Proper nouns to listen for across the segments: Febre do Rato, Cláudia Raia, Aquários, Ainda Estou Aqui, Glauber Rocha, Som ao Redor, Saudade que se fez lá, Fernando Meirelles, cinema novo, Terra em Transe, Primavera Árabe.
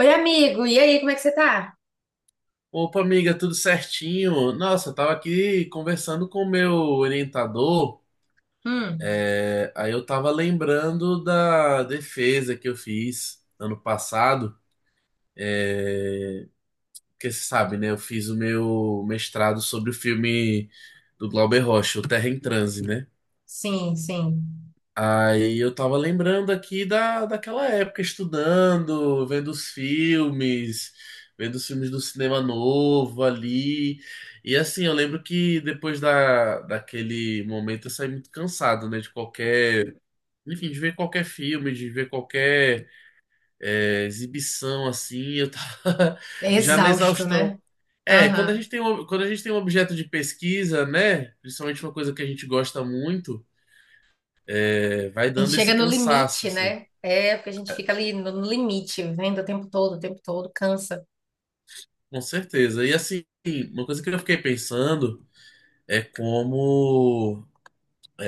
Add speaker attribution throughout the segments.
Speaker 1: Oi, amigo, e aí, como é que você tá?
Speaker 2: Opa, amiga, tudo certinho? Nossa, eu tava aqui conversando com o meu orientador,
Speaker 1: Hum,
Speaker 2: aí eu tava lembrando da defesa que eu fiz ano passado, é, porque você sabe, né? Eu fiz o meu mestrado sobre o filme do Glauber Rocha, O Terra em Transe, né?
Speaker 1: sim.
Speaker 2: Aí eu tava lembrando aqui daquela época, estudando, vendo os filmes do cinema novo ali. E assim, eu lembro que depois daquele momento eu saí muito cansado, né? De qualquer. Enfim, de ver qualquer filme, de ver qualquer exibição, assim, eu tava
Speaker 1: É
Speaker 2: já na
Speaker 1: exausto,
Speaker 2: exaustão.
Speaker 1: né?
Speaker 2: É, quando a
Speaker 1: Aham.
Speaker 2: gente tem um, quando a gente tem um objeto de pesquisa, né? Principalmente uma coisa que a gente gosta muito vai
Speaker 1: A gente
Speaker 2: dando
Speaker 1: chega
Speaker 2: esse
Speaker 1: no
Speaker 2: cansaço,
Speaker 1: limite,
Speaker 2: assim,
Speaker 1: né? É, porque a gente fica ali no limite, vendo o tempo todo, cansa.
Speaker 2: com certeza. E assim, uma coisa que eu fiquei pensando é como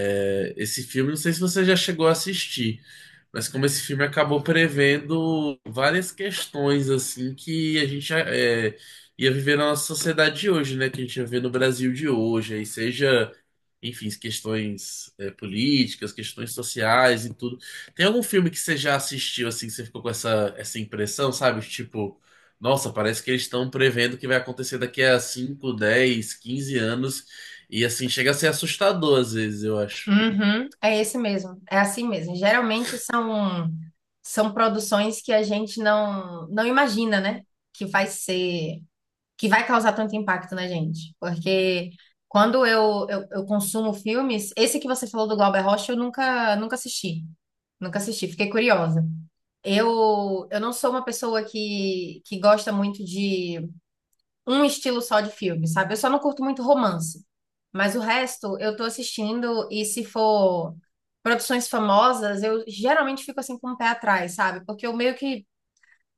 Speaker 2: Esse filme, não sei se você já chegou a assistir, mas como esse filme acabou prevendo várias questões assim que a gente ia viver na nossa sociedade de hoje, né? Que a gente ia ver no Brasil de hoje, aí seja, enfim, questões políticas, questões sociais e tudo. Tem algum filme que você já assistiu assim, que você ficou com essa, essa impressão, sabe? Tipo, nossa, parece que eles estão prevendo o que vai acontecer daqui a 5 10 15 anos, e assim chega a ser assustador às vezes, eu acho.
Speaker 1: Uhum, é esse mesmo. É assim mesmo. Geralmente são produções que a gente não imagina, né? Que vai ser que vai causar tanto impacto na gente. Porque quando eu consumo filmes, esse que você falou do Glauber Rocha, eu nunca, nunca assisti. Nunca assisti, fiquei curiosa. Eu não sou uma pessoa que gosta muito de um estilo só de filme, sabe? Eu só não curto muito romance. Mas o resto eu tô assistindo e se for produções famosas, eu geralmente fico assim com o pé atrás, sabe? Porque eu meio que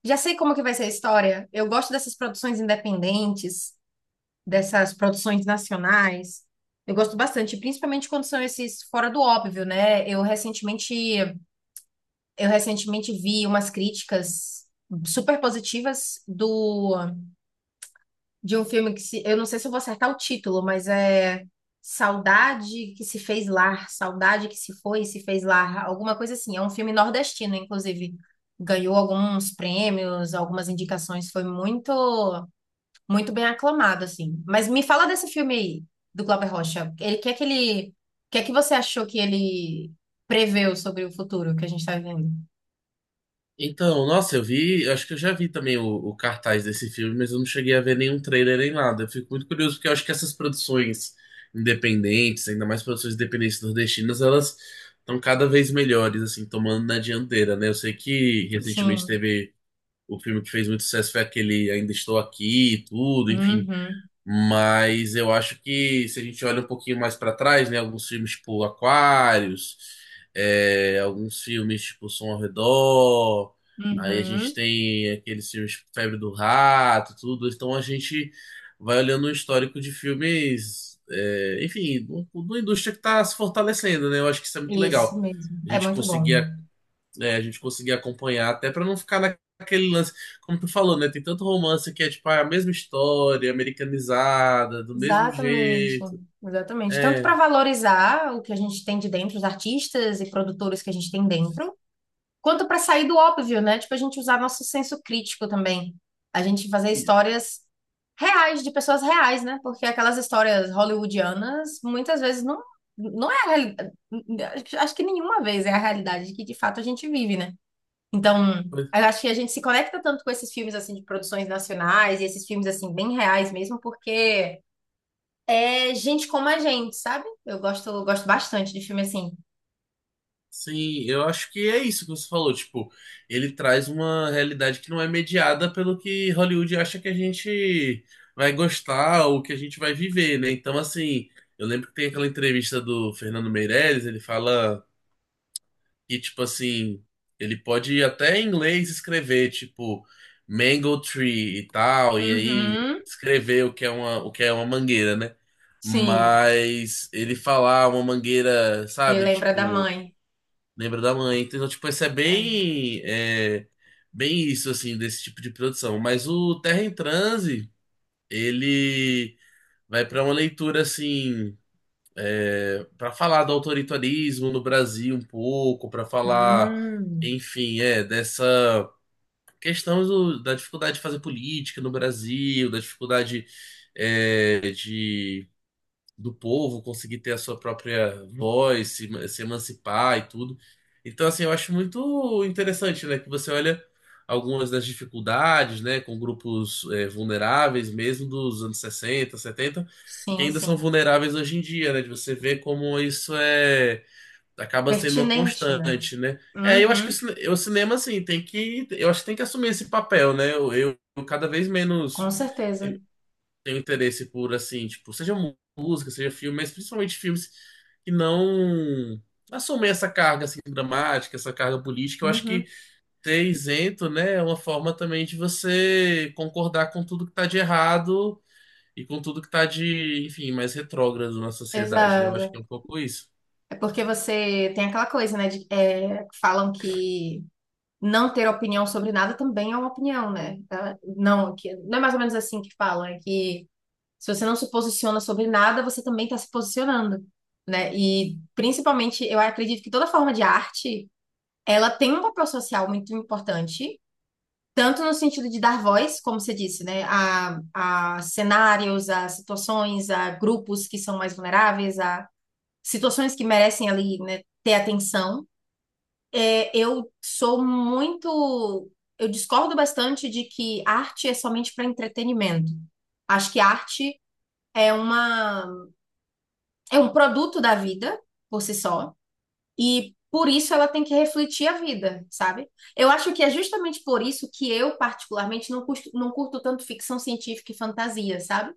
Speaker 1: já sei como que vai ser a história. Eu gosto dessas produções independentes dessas produções nacionais. Eu gosto bastante, principalmente quando são esses fora do óbvio, né? Eu recentemente vi umas críticas super positivas do de um filme que se, eu não sei se eu vou acertar o título, mas é Saudade que se fez lá, Saudade que se foi e se fez lá, alguma coisa assim. É um filme nordestino, inclusive. Ganhou alguns prêmios, algumas indicações, foi muito bem aclamado, assim. Mas me fala desse filme aí, do Glauber Rocha. Ele, que é que ele, o que é que você achou que ele preveu sobre o futuro que a gente está vivendo?
Speaker 2: Então, nossa, eu vi, eu acho que eu já vi também o cartaz desse filme, mas eu não cheguei a ver nenhum trailer nem nada. Eu fico muito curioso porque eu acho que essas produções independentes, ainda mais produções independentes nordestinas, elas estão cada vez melhores, assim, tomando na dianteira, né? Eu sei que recentemente
Speaker 1: Sim.
Speaker 2: teve o filme que fez muito sucesso foi aquele Ainda Estou Aqui e tudo, enfim.
Speaker 1: Uhum.
Speaker 2: Mas eu acho que se a gente olha um pouquinho mais para trás, né, alguns filmes tipo Aquários, é, alguns filmes tipo Som ao Redor, aí a gente
Speaker 1: Uhum.
Speaker 2: tem aqueles filmes tipo Febre do Rato, tudo. Então a gente vai olhando o histórico de filmes, é, enfim, da indústria que está se fortalecendo, né? Eu acho que isso é muito legal.
Speaker 1: Isso mesmo.
Speaker 2: A
Speaker 1: É
Speaker 2: gente
Speaker 1: muito
Speaker 2: conseguir
Speaker 1: bom.
Speaker 2: né, a gente conseguir acompanhar, até para não ficar naquele lance, como tu falou, né? Tem tanto romance que é tipo a mesma história, americanizada, do mesmo
Speaker 1: Exatamente.
Speaker 2: jeito.
Speaker 1: Exatamente. Tanto
Speaker 2: É.
Speaker 1: para valorizar o que a gente tem de dentro, os artistas e produtores que a gente tem dentro, quanto para sair do óbvio, né? Tipo, a gente usar nosso senso crítico também. A gente fazer
Speaker 2: e-
Speaker 1: histórias reais, de pessoas reais, né? Porque aquelas histórias hollywoodianas muitas vezes não é a realidade. Acho que nenhuma vez é a realidade que de fato a gente vive, né? Então, eu acho que a gente se conecta tanto com esses filmes assim de produções nacionais e esses filmes assim bem reais mesmo, porque é gente como a gente, sabe? Eu gosto, gosto bastante de filme assim.
Speaker 2: Sim, eu acho que é isso que você falou, tipo, ele traz uma realidade que não é mediada pelo que Hollywood acha que a gente vai gostar ou que a gente vai viver, né? Então, assim, eu lembro que tem aquela entrevista do Fernando Meirelles, ele fala E, tipo assim, ele pode até em inglês escrever, tipo, mango tree e tal, e aí
Speaker 1: Uhum,
Speaker 2: escrever o que é uma, o que é uma mangueira, né?
Speaker 1: sim,
Speaker 2: Mas ele falar uma mangueira,
Speaker 1: ele
Speaker 2: sabe?
Speaker 1: lembra da
Speaker 2: Tipo,
Speaker 1: mãe.
Speaker 2: lembra da mãe. Então, tipo, isso
Speaker 1: É.
Speaker 2: é, bem isso, assim, desse tipo de produção. Mas o Terra em Transe, ele vai pra uma leitura, assim para falar do autoritarismo no Brasil um pouco, para falar,
Speaker 1: Hum,
Speaker 2: enfim, dessa questão da dificuldade de fazer política no Brasil, da dificuldade de do povo, conseguir ter a sua própria voz, se, se emancipar e tudo. Então, assim, eu acho muito interessante, né, que você olha algumas das dificuldades, né, com grupos vulneráveis mesmo dos anos 60, 70, que
Speaker 1: sim,
Speaker 2: ainda são
Speaker 1: sim.
Speaker 2: vulneráveis hoje em dia, né, de você ver como isso é acaba sendo uma
Speaker 1: Pertinente, né?
Speaker 2: constante, né? É, eu acho que
Speaker 1: Uhum,
Speaker 2: o cinema, assim, tem que, eu acho que tem que assumir esse papel, né? Eu cada vez
Speaker 1: com
Speaker 2: menos
Speaker 1: certeza.
Speaker 2: tenho interesse por, assim, tipo, seja música, seja filme, mas principalmente filmes que não assumem essa carga, assim, dramática, essa carga política. Eu acho
Speaker 1: Uhum,
Speaker 2: que ser isento, né, é uma forma também de você concordar com tudo que tá de errado e com tudo que tá de, enfim, mais retrógrado na sociedade, né? Eu acho que é
Speaker 1: exato.
Speaker 2: um pouco isso.
Speaker 1: É porque você tem aquela coisa, né? Falam que não ter opinião sobre nada também é uma opinião, né? Tá? Não é mais ou menos assim que falam, é que se você não se posiciona sobre nada, você também está se posicionando, né? E principalmente, eu acredito que toda forma de arte, ela tem um papel social muito importante. Tanto no sentido de dar voz, como você disse, né, a cenários, a situações, a grupos que são mais vulneráveis, a situações que merecem ali, né, ter atenção. É, eu sou muito, eu discordo bastante de que arte é somente para entretenimento. Acho que arte é é um produto da vida por si só. E por isso ela tem que refletir a vida, sabe? Eu acho que é justamente por isso que eu, particularmente, não curto tanto ficção científica e fantasia, sabe?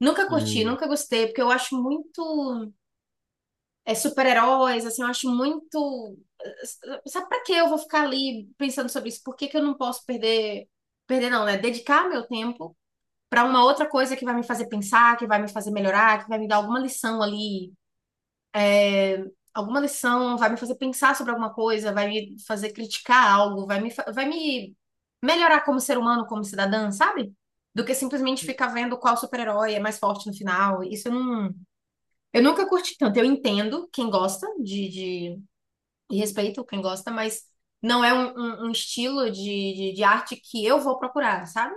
Speaker 1: Nunca curti,
Speaker 2: Hum.
Speaker 1: nunca gostei, porque eu acho super-heróis, assim, eu acho muito. Sabe pra que eu vou ficar ali pensando sobre isso? Por que que eu não posso perder. Perder não, né? Dedicar meu tempo para uma outra coisa que vai me fazer pensar, que vai me fazer melhorar, que vai me dar alguma lição, vai me fazer pensar sobre alguma coisa, vai me fazer criticar algo, vai me melhorar como ser humano, como cidadã, sabe? Do que simplesmente ficar vendo qual super-herói é mais forte no final. Isso eu não. Eu nunca curti tanto. Eu entendo quem gosta de e respeito quem gosta, mas não é um estilo de arte que eu vou procurar, sabe?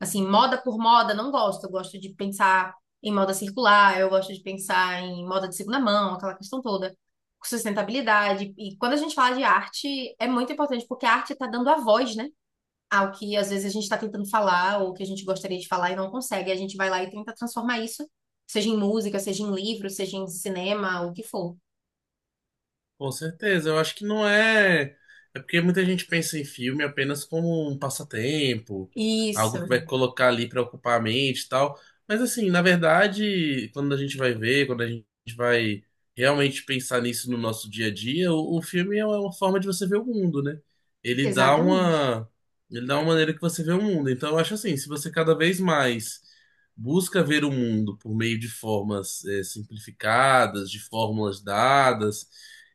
Speaker 1: Assim, moda por moda, não gosto. Eu gosto de pensar em moda circular, eu gosto de pensar em moda de segunda mão, aquela questão toda. Sustentabilidade. E quando a gente fala de arte, é muito importante, porque a arte está dando a voz, né? Ao que às vezes a gente está tentando falar, ou que a gente gostaria de falar e não consegue. A gente vai lá e tenta transformar isso, seja em música, seja em livro, seja em cinema, o que for.
Speaker 2: Com certeza, eu acho que não é. É porque muita gente pensa em filme apenas como um passatempo, algo
Speaker 1: Isso,
Speaker 2: que vai colocar ali para ocupar a mente e tal. Mas assim, na verdade, quando a gente vai ver, quando a gente vai realmente pensar nisso no nosso dia a dia, o filme é uma forma de você ver o mundo, né? Ele dá
Speaker 1: exatamente.
Speaker 2: uma, ele dá uma maneira que você vê o mundo. Então, eu acho assim, se você cada vez mais busca ver o mundo por meio de formas, simplificadas, de fórmulas dadas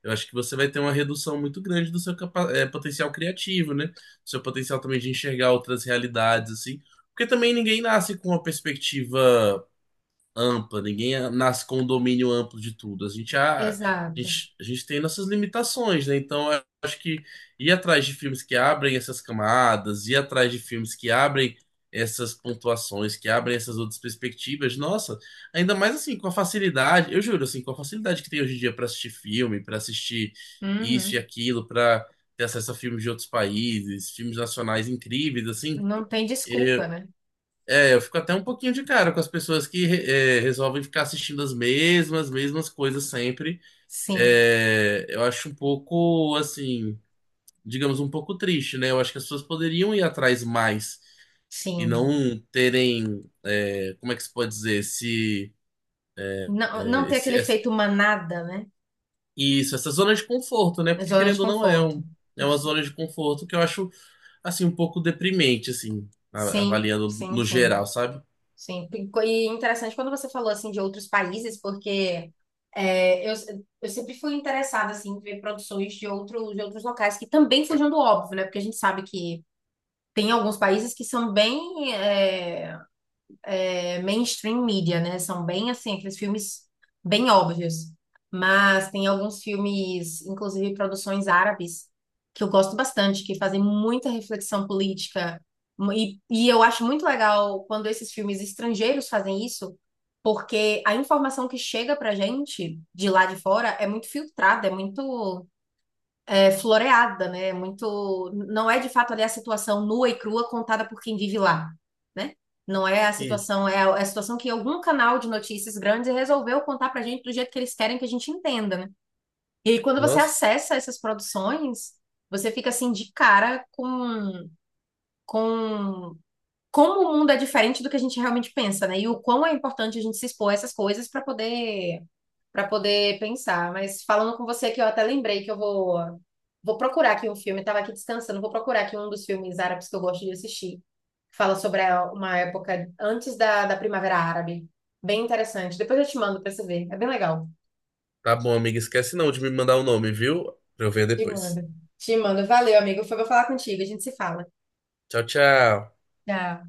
Speaker 2: eu acho que você vai ter uma redução muito grande do seu potencial criativo, né? Do seu potencial também de enxergar outras realidades, assim. Porque também ninguém nasce com uma perspectiva ampla, ninguém nasce com um domínio amplo de tudo. A gente,
Speaker 1: Exato.
Speaker 2: a gente tem nossas limitações, né? Então, eu acho que ir atrás de filmes que abrem essas camadas, ir atrás de filmes que abrem essas pontuações, que abrem essas outras perspectivas, nossa, ainda mais assim, com a facilidade, eu juro, assim, com a facilidade que tem hoje em dia para assistir filme, para assistir isso e
Speaker 1: Uhum.
Speaker 2: aquilo, para ter acesso a filmes de outros países, filmes nacionais incríveis, assim.
Speaker 1: Não tem desculpa, né?
Speaker 2: É, eu fico até um pouquinho de cara com as pessoas que resolvem ficar assistindo as mesmas coisas sempre.
Speaker 1: Sim,
Speaker 2: É, eu acho um pouco, assim, digamos, um pouco triste, né? Eu acho que as pessoas poderiam ir atrás mais e
Speaker 1: sim.
Speaker 2: não terem, é, como é que se pode dizer, esse,
Speaker 1: Não, não
Speaker 2: é,
Speaker 1: ter
Speaker 2: esse-
Speaker 1: aquele
Speaker 2: essa-
Speaker 1: efeito manada, né?
Speaker 2: isso, essa zona de conforto, né?
Speaker 1: É
Speaker 2: Porque
Speaker 1: zona de
Speaker 2: querendo ou não é
Speaker 1: conforto.
Speaker 2: um, é uma
Speaker 1: Isso.
Speaker 2: zona de conforto que eu acho, assim, um pouco deprimente, assim,
Speaker 1: Sim,
Speaker 2: avaliando
Speaker 1: sim,
Speaker 2: no
Speaker 1: sim,
Speaker 2: geral, sabe?
Speaker 1: sim. E interessante quando você falou assim de outros países, porque é, eu, eu sempre fui interessada assim em ver produções de outros locais que também fujam do óbvio, né? Porque a gente sabe que tem alguns países que são bem mainstream media, né? São bem assim, aqueles filmes bem óbvios. Mas tem alguns filmes, inclusive produções árabes, que eu gosto bastante, que fazem muita reflexão política. E eu acho muito legal quando esses filmes estrangeiros fazem isso, porque a informação que chega pra gente de lá de fora é muito filtrada, é muito floreada, né? É muito, não é de fato ali a situação nua e crua contada por quem vive lá, né? Não é a
Speaker 2: E,
Speaker 1: situação, é é a situação que algum canal de notícias grande resolveu contar pra gente do jeito que eles querem que a gente entenda, né? E aí, quando você
Speaker 2: nossa.
Speaker 1: acessa essas produções, você fica assim de cara com como o mundo é diferente do que a gente realmente pensa, né? E o quão é importante a gente se expor a essas coisas para poder pensar. Mas falando com você que eu até lembrei que eu vou vou procurar aqui um filme, estava aqui descansando, vou procurar aqui um dos filmes árabes que eu gosto de assistir. Fala sobre uma época antes da Primavera Árabe. Bem interessante. Depois eu te mando para você ver. É bem legal.
Speaker 2: Tá bom, amiga. Esquece não de me mandar o nome, viu? Pra eu ver
Speaker 1: Te
Speaker 2: depois.
Speaker 1: mando. Te mando. Valeu, amigo. Foi bom falar contigo. A gente se fala.
Speaker 2: Tchau, tchau.
Speaker 1: Tchau.